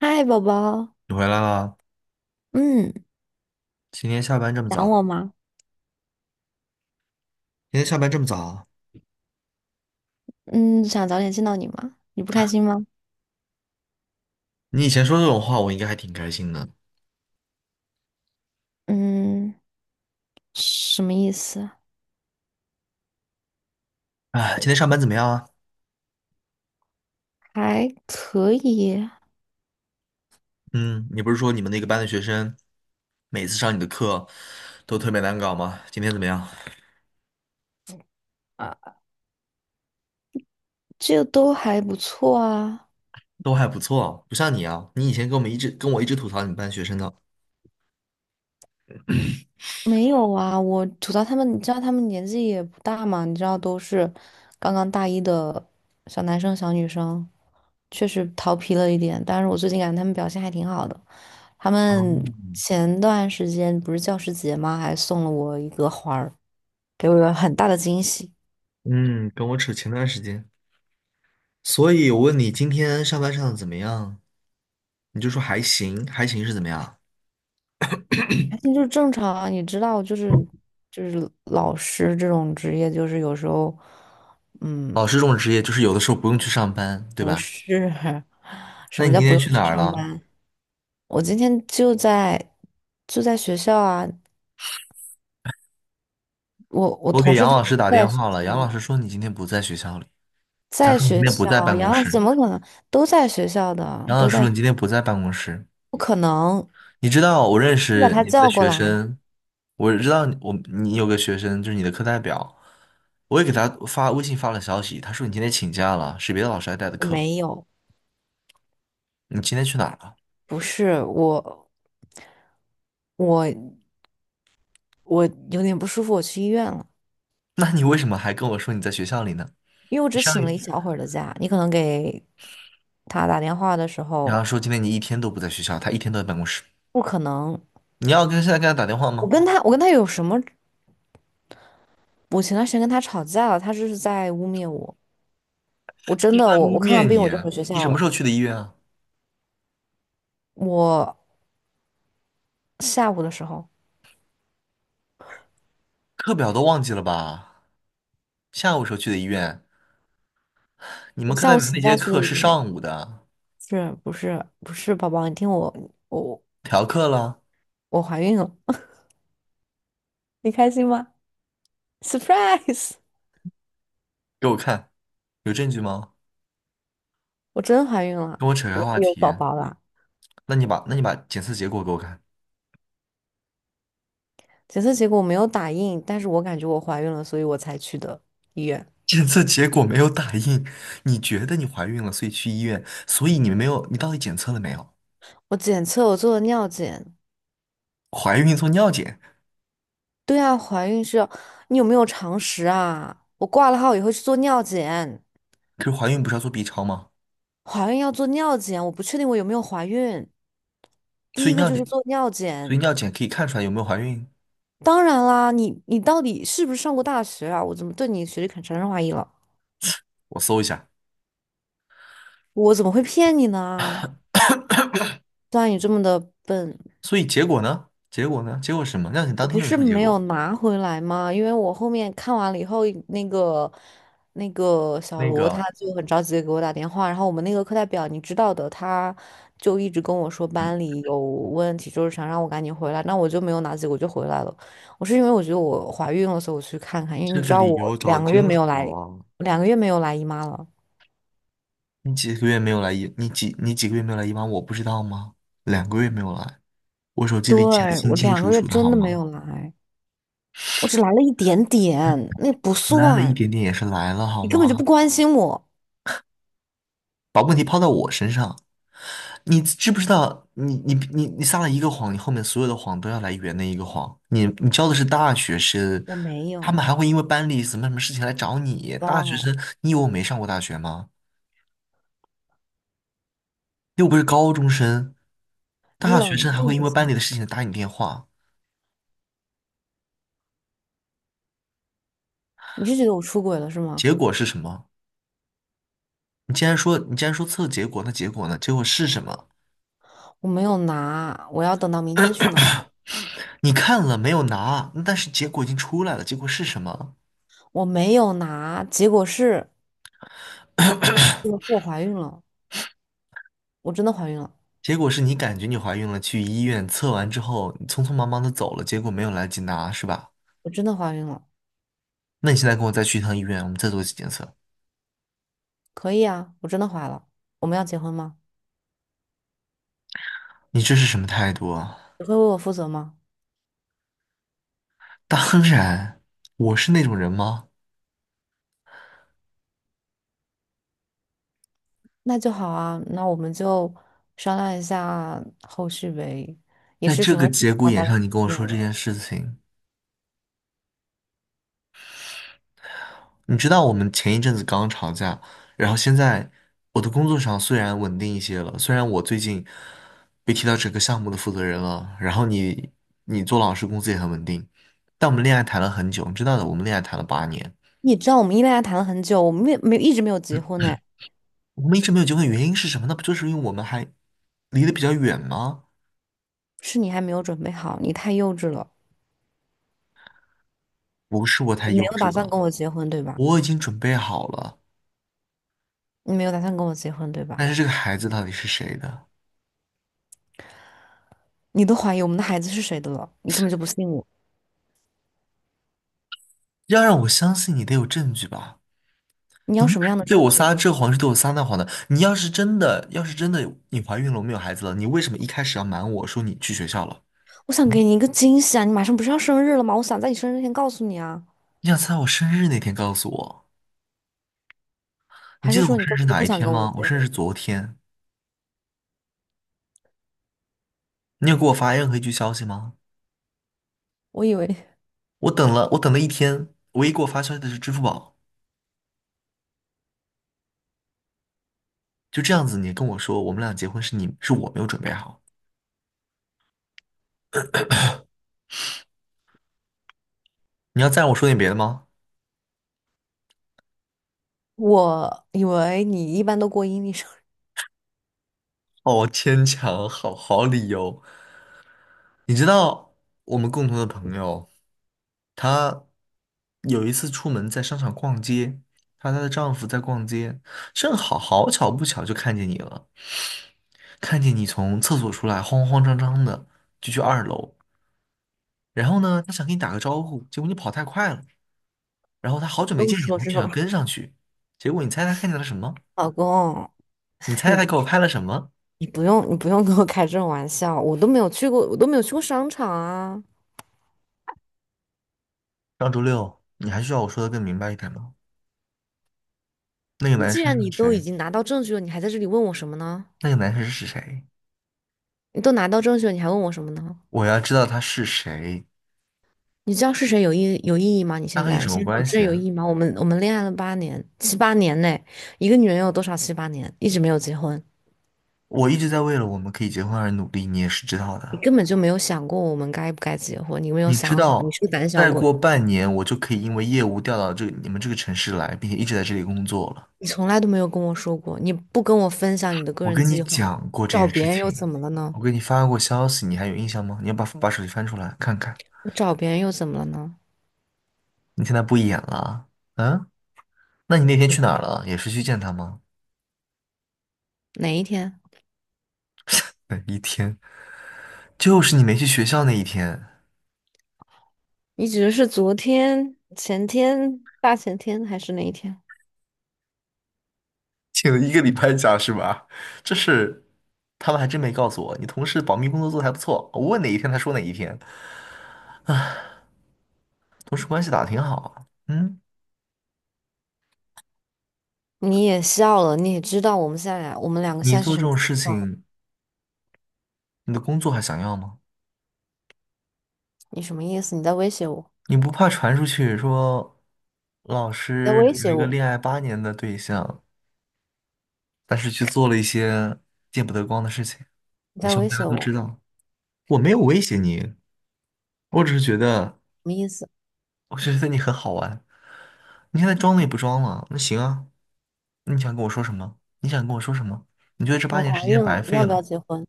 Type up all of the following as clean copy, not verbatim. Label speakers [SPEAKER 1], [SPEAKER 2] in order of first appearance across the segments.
[SPEAKER 1] 嗨，宝宝，
[SPEAKER 2] 你回来了？
[SPEAKER 1] 嗯，
[SPEAKER 2] 今天下班这么
[SPEAKER 1] 想
[SPEAKER 2] 早？
[SPEAKER 1] 我吗？
[SPEAKER 2] 今天下班这么早啊？
[SPEAKER 1] 嗯，想早点见到你吗？你不开心吗？
[SPEAKER 2] 你以前说这种话，我应该还挺开心的。
[SPEAKER 1] 嗯，什么意思？
[SPEAKER 2] 哎，今天上班怎么样啊？
[SPEAKER 1] 还可以
[SPEAKER 2] 嗯，你不是说你们那个班的学生每次上你的课都特别难搞吗？今天怎么样？
[SPEAKER 1] 啊，这都还不错啊。
[SPEAKER 2] 都还不错，不像你啊，你以前跟我们一直跟我一直吐槽你们班学生的。
[SPEAKER 1] 没有啊，我吐槽他们，你知道他们年纪也不大嘛，你知道都是刚刚大一的小男生、小女生，确实调皮了一点。但是我最近感觉他们表现还挺好的。他
[SPEAKER 2] 哦。
[SPEAKER 1] 们前段时间不是教师节吗？还送了我一个花儿。给我了很大的惊喜。
[SPEAKER 2] 嗯，跟我扯前段时间。所以我问你今天上班上的怎么样，你就说还行，还行是怎么样？
[SPEAKER 1] 那就正常啊，你知道，就是老师这种职业，就是有时候，嗯，
[SPEAKER 2] 老师这种职业就是有的时候不用去上班，对
[SPEAKER 1] 不
[SPEAKER 2] 吧？
[SPEAKER 1] 是 什
[SPEAKER 2] 那
[SPEAKER 1] 么
[SPEAKER 2] 你
[SPEAKER 1] 叫
[SPEAKER 2] 今
[SPEAKER 1] 不
[SPEAKER 2] 天
[SPEAKER 1] 用
[SPEAKER 2] 去
[SPEAKER 1] 去
[SPEAKER 2] 哪儿
[SPEAKER 1] 上
[SPEAKER 2] 了？
[SPEAKER 1] 班。我今天就在学校啊，我
[SPEAKER 2] 我给
[SPEAKER 1] 同事
[SPEAKER 2] 杨
[SPEAKER 1] 他
[SPEAKER 2] 老师
[SPEAKER 1] 都
[SPEAKER 2] 打
[SPEAKER 1] 在
[SPEAKER 2] 电
[SPEAKER 1] 学
[SPEAKER 2] 话了，杨老
[SPEAKER 1] 校，
[SPEAKER 2] 师说你今天不在学校里，他
[SPEAKER 1] 在
[SPEAKER 2] 说你今
[SPEAKER 1] 学
[SPEAKER 2] 天不
[SPEAKER 1] 校
[SPEAKER 2] 在
[SPEAKER 1] 啊，
[SPEAKER 2] 办公
[SPEAKER 1] 杨老师怎
[SPEAKER 2] 室，
[SPEAKER 1] 么可能都在学校的，
[SPEAKER 2] 杨老
[SPEAKER 1] 都
[SPEAKER 2] 师
[SPEAKER 1] 在，
[SPEAKER 2] 说你今天不在办公室。
[SPEAKER 1] 不可能，
[SPEAKER 2] 你知道我认
[SPEAKER 1] 你把
[SPEAKER 2] 识
[SPEAKER 1] 他
[SPEAKER 2] 你们的
[SPEAKER 1] 叫过
[SPEAKER 2] 学
[SPEAKER 1] 来，
[SPEAKER 2] 生，我知道你有个学生就是你的课代表，我也给他发微信发了消息，他说你今天请假了，是别的老师来带的
[SPEAKER 1] 我
[SPEAKER 2] 课，
[SPEAKER 1] 没有，
[SPEAKER 2] 你今天去哪儿了？
[SPEAKER 1] 不是我，我我有点不舒服，我去医院了。
[SPEAKER 2] 那你为什么还跟我说你在学校里呢？
[SPEAKER 1] 因为我
[SPEAKER 2] 你
[SPEAKER 1] 只
[SPEAKER 2] 上
[SPEAKER 1] 请
[SPEAKER 2] 一，
[SPEAKER 1] 了一小会儿的假，你可能给他打电话的时
[SPEAKER 2] 然
[SPEAKER 1] 候，
[SPEAKER 2] 后说今天你一天都不在学校，他一天都在办公室，
[SPEAKER 1] 不可能。
[SPEAKER 2] 你要跟现在跟他打电话
[SPEAKER 1] 我
[SPEAKER 2] 吗？
[SPEAKER 1] 跟他，我跟他有什么？我前段时间跟他吵架了，他就是在污蔑我。我
[SPEAKER 2] 他
[SPEAKER 1] 真
[SPEAKER 2] 就是
[SPEAKER 1] 的，
[SPEAKER 2] 在
[SPEAKER 1] 我
[SPEAKER 2] 污
[SPEAKER 1] 我看
[SPEAKER 2] 蔑
[SPEAKER 1] 完病
[SPEAKER 2] 你
[SPEAKER 1] 我就
[SPEAKER 2] 啊，
[SPEAKER 1] 回学
[SPEAKER 2] 你
[SPEAKER 1] 校
[SPEAKER 2] 什么
[SPEAKER 1] 了。
[SPEAKER 2] 时候去的医院啊？
[SPEAKER 1] 我下午的时候，
[SPEAKER 2] 课表都忘记了吧？下午时候去的医院，你
[SPEAKER 1] 我
[SPEAKER 2] 们课
[SPEAKER 1] 下
[SPEAKER 2] 代
[SPEAKER 1] 午
[SPEAKER 2] 表
[SPEAKER 1] 请
[SPEAKER 2] 那节
[SPEAKER 1] 假去
[SPEAKER 2] 课
[SPEAKER 1] 的医
[SPEAKER 2] 是
[SPEAKER 1] 院，
[SPEAKER 2] 上午的，
[SPEAKER 1] 是不是不是，宝宝，你听我，我
[SPEAKER 2] 调课了，
[SPEAKER 1] 我怀孕了，你开心吗？Surprise！
[SPEAKER 2] 给我看，有证据吗？
[SPEAKER 1] 我真怀孕了，
[SPEAKER 2] 跟我扯开
[SPEAKER 1] 我
[SPEAKER 2] 话
[SPEAKER 1] 有
[SPEAKER 2] 题。
[SPEAKER 1] 宝宝了。
[SPEAKER 2] 那你把检测结果给我看。
[SPEAKER 1] 检测结果我没有打印，但是我感觉我怀孕了，所以我才去的医院。
[SPEAKER 2] 检测结果没有打印，你觉得你怀孕了，所以去医院，所以你没有，你到底检测了没有？
[SPEAKER 1] 我做了尿检，
[SPEAKER 2] 怀孕做尿检，
[SPEAKER 1] 对啊，怀孕是要，你有没有常识啊？我挂了号以后去做尿检，
[SPEAKER 2] 可是怀孕不是要做 B 超吗？
[SPEAKER 1] 怀孕要做尿检，我不确定我有没有怀孕。
[SPEAKER 2] 所
[SPEAKER 1] 第
[SPEAKER 2] 以
[SPEAKER 1] 一个
[SPEAKER 2] 尿
[SPEAKER 1] 就是
[SPEAKER 2] 检，
[SPEAKER 1] 做尿
[SPEAKER 2] 所以
[SPEAKER 1] 检，
[SPEAKER 2] 尿检可以看出来有没有怀孕。
[SPEAKER 1] 当然啦，你到底是不是上过大学啊？我怎么对你学历产生怀疑了？
[SPEAKER 2] 我搜一下，
[SPEAKER 1] 我怎么会骗你呢？虽然你这么的笨，
[SPEAKER 2] 所以结果呢？结果呢？结果是什么？尿检
[SPEAKER 1] 我
[SPEAKER 2] 当天
[SPEAKER 1] 不
[SPEAKER 2] 就能
[SPEAKER 1] 是
[SPEAKER 2] 出结
[SPEAKER 1] 没有
[SPEAKER 2] 果。
[SPEAKER 1] 拿回来吗？因为我后面看完了以后，那个那个小
[SPEAKER 2] 那
[SPEAKER 1] 罗
[SPEAKER 2] 个，
[SPEAKER 1] 他就很着急的给我打电话，然后我们那个课代表你知道的，他就一直跟我说
[SPEAKER 2] 嗯，
[SPEAKER 1] 班里有问题，就是想让我赶紧回来，那我就没有拿结果就回来了。我是因为我觉得我怀孕了，所以我去看看，因为
[SPEAKER 2] 这
[SPEAKER 1] 你知
[SPEAKER 2] 个
[SPEAKER 1] 道
[SPEAKER 2] 理
[SPEAKER 1] 我
[SPEAKER 2] 由找
[SPEAKER 1] 两
[SPEAKER 2] 的
[SPEAKER 1] 个月
[SPEAKER 2] 真
[SPEAKER 1] 没有
[SPEAKER 2] 好
[SPEAKER 1] 来，
[SPEAKER 2] 啊。
[SPEAKER 1] 两个月没有来姨妈了。
[SPEAKER 2] 你几个月没有来一班，我不知道吗？2个月没有来，我手机里记得
[SPEAKER 1] 对，
[SPEAKER 2] 清
[SPEAKER 1] 我
[SPEAKER 2] 清
[SPEAKER 1] 两
[SPEAKER 2] 楚
[SPEAKER 1] 个月
[SPEAKER 2] 楚的，好
[SPEAKER 1] 真的没
[SPEAKER 2] 吗？
[SPEAKER 1] 有来，我只来了一点点，那不
[SPEAKER 2] 来了一
[SPEAKER 1] 算，
[SPEAKER 2] 点点也是来了，好
[SPEAKER 1] 你根本就
[SPEAKER 2] 吗？
[SPEAKER 1] 不关心我，
[SPEAKER 2] 你知不知道，你撒了一个谎，你后面所有的谎都要来圆那一个谎。你教的是大学生，
[SPEAKER 1] 我没
[SPEAKER 2] 他们还
[SPEAKER 1] 有。
[SPEAKER 2] 会因为班里什么什么事情来找
[SPEAKER 1] 宝
[SPEAKER 2] 你。大学
[SPEAKER 1] 宝，
[SPEAKER 2] 生，你以为我没上过大学吗？又不是高中生，
[SPEAKER 1] 你
[SPEAKER 2] 大学
[SPEAKER 1] 冷
[SPEAKER 2] 生还
[SPEAKER 1] 静
[SPEAKER 2] 会因
[SPEAKER 1] 一
[SPEAKER 2] 为班里的
[SPEAKER 1] 下，
[SPEAKER 2] 事情打你电话，
[SPEAKER 1] 你是觉得我出轨了是吗？
[SPEAKER 2] 结果是什么？你既然说测结果，那结果呢？结果是什么？
[SPEAKER 1] 我没有拿，我要等到明天去拿。
[SPEAKER 2] 你看了没有拿？但是结果已经出来了，结果是什么？
[SPEAKER 1] 我没有拿，结果是我怀孕了，我真的怀孕了，
[SPEAKER 2] 结果是你感觉你怀孕了，去医院测完之后，你匆匆忙忙的走了，结果没有来得及拿，是吧？
[SPEAKER 1] 我真的怀孕了。
[SPEAKER 2] 那你现在跟我再去一趟医院，我们再做一次检测，
[SPEAKER 1] 可以啊，我真的怀了。我们要结婚吗？
[SPEAKER 2] 你这是什么态度啊？
[SPEAKER 1] 你会为我负责吗？
[SPEAKER 2] 当然，我是那种人吗？
[SPEAKER 1] 那就好啊，那我们就商量一下后续呗。也
[SPEAKER 2] 在
[SPEAKER 1] 是
[SPEAKER 2] 这
[SPEAKER 1] 时候
[SPEAKER 2] 个
[SPEAKER 1] 让
[SPEAKER 2] 节
[SPEAKER 1] 双
[SPEAKER 2] 骨
[SPEAKER 1] 方
[SPEAKER 2] 眼
[SPEAKER 1] 家长
[SPEAKER 2] 上，
[SPEAKER 1] 见
[SPEAKER 2] 你跟我
[SPEAKER 1] 面
[SPEAKER 2] 说这
[SPEAKER 1] 了。
[SPEAKER 2] 件事情，你知道我们前一阵子刚吵架，然后现在我的工作上虽然稳定一些了，虽然我最近被提到整个项目的负责人了，然后你做老师工资也很稳定，但我们恋爱谈了很久，你知道的，我们恋爱谈了八年，
[SPEAKER 1] 你知道我们恋爱谈了很久，我们没一直没有结婚呢，
[SPEAKER 2] 我们一直没有结婚，原因是什么？那不就是因为我们还离得比较远吗？
[SPEAKER 1] 是你还没有准备好，你太幼稚了。
[SPEAKER 2] 不是我太
[SPEAKER 1] 你
[SPEAKER 2] 幼
[SPEAKER 1] 没有
[SPEAKER 2] 稚
[SPEAKER 1] 打算跟
[SPEAKER 2] 了，
[SPEAKER 1] 我结婚，对吧？
[SPEAKER 2] 我已经准备好了，
[SPEAKER 1] 你没有打算跟我结婚，对
[SPEAKER 2] 但
[SPEAKER 1] 吧？
[SPEAKER 2] 是这个孩子到底是谁的？
[SPEAKER 1] 你都怀疑我们的孩子是谁的了，你根本就不信我。
[SPEAKER 2] 要让我相信你得有证据吧。
[SPEAKER 1] 你要什么样的
[SPEAKER 2] 对
[SPEAKER 1] 证
[SPEAKER 2] 我撒
[SPEAKER 1] 据？
[SPEAKER 2] 这谎是对我撒那谎的。你要是真的，要是真的你怀孕了，我们有孩子了，你为什么一开始要瞒我说你去学校了？
[SPEAKER 1] 我想
[SPEAKER 2] 嗯
[SPEAKER 1] 给你一个惊喜啊！你马上不是要生日了吗？我想在你生日前告诉你啊。
[SPEAKER 2] 你想在我生日那天告诉我？你
[SPEAKER 1] 还
[SPEAKER 2] 记
[SPEAKER 1] 是
[SPEAKER 2] 得我
[SPEAKER 1] 说你
[SPEAKER 2] 生
[SPEAKER 1] 根
[SPEAKER 2] 日是
[SPEAKER 1] 本就
[SPEAKER 2] 哪
[SPEAKER 1] 不
[SPEAKER 2] 一
[SPEAKER 1] 想
[SPEAKER 2] 天
[SPEAKER 1] 跟我
[SPEAKER 2] 吗？我
[SPEAKER 1] 结
[SPEAKER 2] 生日
[SPEAKER 1] 婚？
[SPEAKER 2] 是昨天。你有给我发任何一句消息吗？
[SPEAKER 1] 我以为，
[SPEAKER 2] 我等了，我等了一天，唯一给我发消息的是支付宝。就这样子，你跟我说我们俩结婚是你是我没有准备好。你要再让我说点别的吗？
[SPEAKER 1] 我以为你一般都过阴历生日，
[SPEAKER 2] 好牵强，好好理由。你知道我们共同的朋友，她有一次出门在商场逛街，她和她的丈夫在逛街，正好好巧不巧就看见你了，看见你从厕所出来，慌慌张张的就去2楼，然后呢，她想跟你打个招呼，结果你跑太快了，然后她好久
[SPEAKER 1] 不
[SPEAKER 2] 没
[SPEAKER 1] 用
[SPEAKER 2] 见你了，
[SPEAKER 1] 说
[SPEAKER 2] 她
[SPEAKER 1] 这
[SPEAKER 2] 就
[SPEAKER 1] 种
[SPEAKER 2] 想
[SPEAKER 1] 了
[SPEAKER 2] 跟上去，结果你猜她看见了什么？
[SPEAKER 1] 老公，
[SPEAKER 2] 你猜
[SPEAKER 1] 你
[SPEAKER 2] 她给我拍了什么？
[SPEAKER 1] 你不用跟我开这种玩笑，我都没有去过，我都没有去过商场啊。
[SPEAKER 2] 上周六，你还需要我说的更明白一点吗？那个
[SPEAKER 1] 那
[SPEAKER 2] 男
[SPEAKER 1] 既
[SPEAKER 2] 生
[SPEAKER 1] 然你
[SPEAKER 2] 是
[SPEAKER 1] 都已
[SPEAKER 2] 谁？
[SPEAKER 1] 经拿到证据了，你还在这里问我什么呢？
[SPEAKER 2] 那个男生是谁？
[SPEAKER 1] 你都拿到证据了，你还问我什么呢？
[SPEAKER 2] 我要知道他是谁。
[SPEAKER 1] 你知道是谁有意义吗？你
[SPEAKER 2] 他
[SPEAKER 1] 现
[SPEAKER 2] 和你
[SPEAKER 1] 在
[SPEAKER 2] 什么
[SPEAKER 1] 现在
[SPEAKER 2] 关
[SPEAKER 1] 有
[SPEAKER 2] 系啊？
[SPEAKER 1] 意义吗？我们恋爱了八年，七八年呢，一个女人有多少七八年一直没有结婚？
[SPEAKER 2] 我一直在为了我们可以结婚而努力，你也是知道
[SPEAKER 1] 你
[SPEAKER 2] 的。
[SPEAKER 1] 根本就没有想过我们该不该结婚，你没有
[SPEAKER 2] 你知
[SPEAKER 1] 想好，你
[SPEAKER 2] 道，
[SPEAKER 1] 是个胆小
[SPEAKER 2] 再
[SPEAKER 1] 鬼，
[SPEAKER 2] 过半年我就可以因为业务调到这你们这个城市来，并且一直在这里工作了。
[SPEAKER 1] 你从来都没有跟我说过，你不跟我分享你的个
[SPEAKER 2] 我
[SPEAKER 1] 人
[SPEAKER 2] 跟你
[SPEAKER 1] 计划，
[SPEAKER 2] 讲过这
[SPEAKER 1] 找
[SPEAKER 2] 件事
[SPEAKER 1] 别人又
[SPEAKER 2] 情，
[SPEAKER 1] 怎么了呢？
[SPEAKER 2] 我给你发过消息，你还有印象吗？你要把手机翻出来看看。
[SPEAKER 1] 你找别人又怎么了呢？
[SPEAKER 2] 你现在不演了嗯？啊，那你那天去哪儿了？也是去见他吗？
[SPEAKER 1] 哪一天？
[SPEAKER 2] 哪一天，就是你没去学校那一天。
[SPEAKER 1] 你指的是昨天、前天、大前天还是哪一天？
[SPEAKER 2] 请了一个礼拜假是吧？这是他们还真没告诉我。你同事保密工作做得还不错，我问哪一天他说哪一天，同事关系打得挺好啊。嗯，
[SPEAKER 1] 你也笑了，你也知道我们两个现
[SPEAKER 2] 你
[SPEAKER 1] 在是
[SPEAKER 2] 做这
[SPEAKER 1] 什么
[SPEAKER 2] 种
[SPEAKER 1] 情
[SPEAKER 2] 事
[SPEAKER 1] 况？
[SPEAKER 2] 情，你的工作还想要吗？
[SPEAKER 1] 你什么意思？你在威胁我？
[SPEAKER 2] 你不怕传出去说老
[SPEAKER 1] 你在
[SPEAKER 2] 师
[SPEAKER 1] 威
[SPEAKER 2] 有
[SPEAKER 1] 胁
[SPEAKER 2] 一个
[SPEAKER 1] 我，
[SPEAKER 2] 恋爱八年的对象，但是去做了一些见不得光的事情？
[SPEAKER 1] 你
[SPEAKER 2] 你
[SPEAKER 1] 在
[SPEAKER 2] 希
[SPEAKER 1] 威
[SPEAKER 2] 望大家
[SPEAKER 1] 胁
[SPEAKER 2] 都
[SPEAKER 1] 我，
[SPEAKER 2] 知
[SPEAKER 1] 什
[SPEAKER 2] 道，我没有威胁你，我只是觉得，
[SPEAKER 1] 么意思？
[SPEAKER 2] 我只是觉得你很好玩。你现在装了也不装了，那行啊，你想跟我说什么？你想跟我说什么？你觉得这八
[SPEAKER 1] 我
[SPEAKER 2] 年
[SPEAKER 1] 怀
[SPEAKER 2] 时间
[SPEAKER 1] 孕
[SPEAKER 2] 白
[SPEAKER 1] 了，你要
[SPEAKER 2] 费
[SPEAKER 1] 不
[SPEAKER 2] 了？
[SPEAKER 1] 要结婚？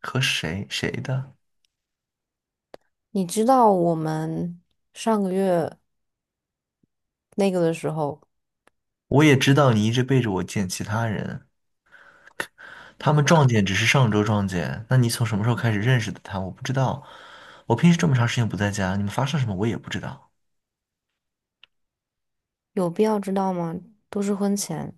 [SPEAKER 2] 和谁谁的？
[SPEAKER 1] 你知道我们上个月那个的时候，
[SPEAKER 2] 我也知道你一直背着我见其他人，他们撞见只是上周撞见。那你从什么时候开始认识的他？我不知道。我平时这么长时间不在家，你们发生什么我也不知道。
[SPEAKER 1] 有必要知道吗？都是婚前，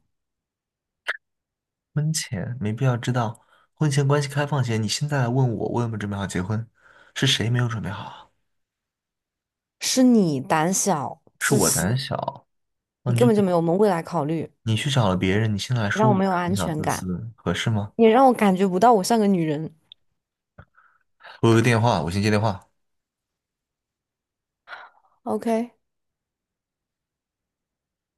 [SPEAKER 2] 婚前没必要知道，婚前关系开放前，你现在来问我，我有没有准备好结婚？是谁没有准备好啊？
[SPEAKER 1] 是你胆小
[SPEAKER 2] 是
[SPEAKER 1] 自
[SPEAKER 2] 我
[SPEAKER 1] 私，
[SPEAKER 2] 胆小，那
[SPEAKER 1] 你
[SPEAKER 2] 你
[SPEAKER 1] 根
[SPEAKER 2] 就
[SPEAKER 1] 本就
[SPEAKER 2] 别，
[SPEAKER 1] 没有我们未来考虑，
[SPEAKER 2] 你去找了别人，你现在来
[SPEAKER 1] 你让
[SPEAKER 2] 说
[SPEAKER 1] 我
[SPEAKER 2] 我
[SPEAKER 1] 没有安
[SPEAKER 2] 胆小
[SPEAKER 1] 全
[SPEAKER 2] 自
[SPEAKER 1] 感，
[SPEAKER 2] 私，合适吗？
[SPEAKER 1] 你让我感觉不到我像个女人。
[SPEAKER 2] 我有个电话，我先接电话。
[SPEAKER 1] OK，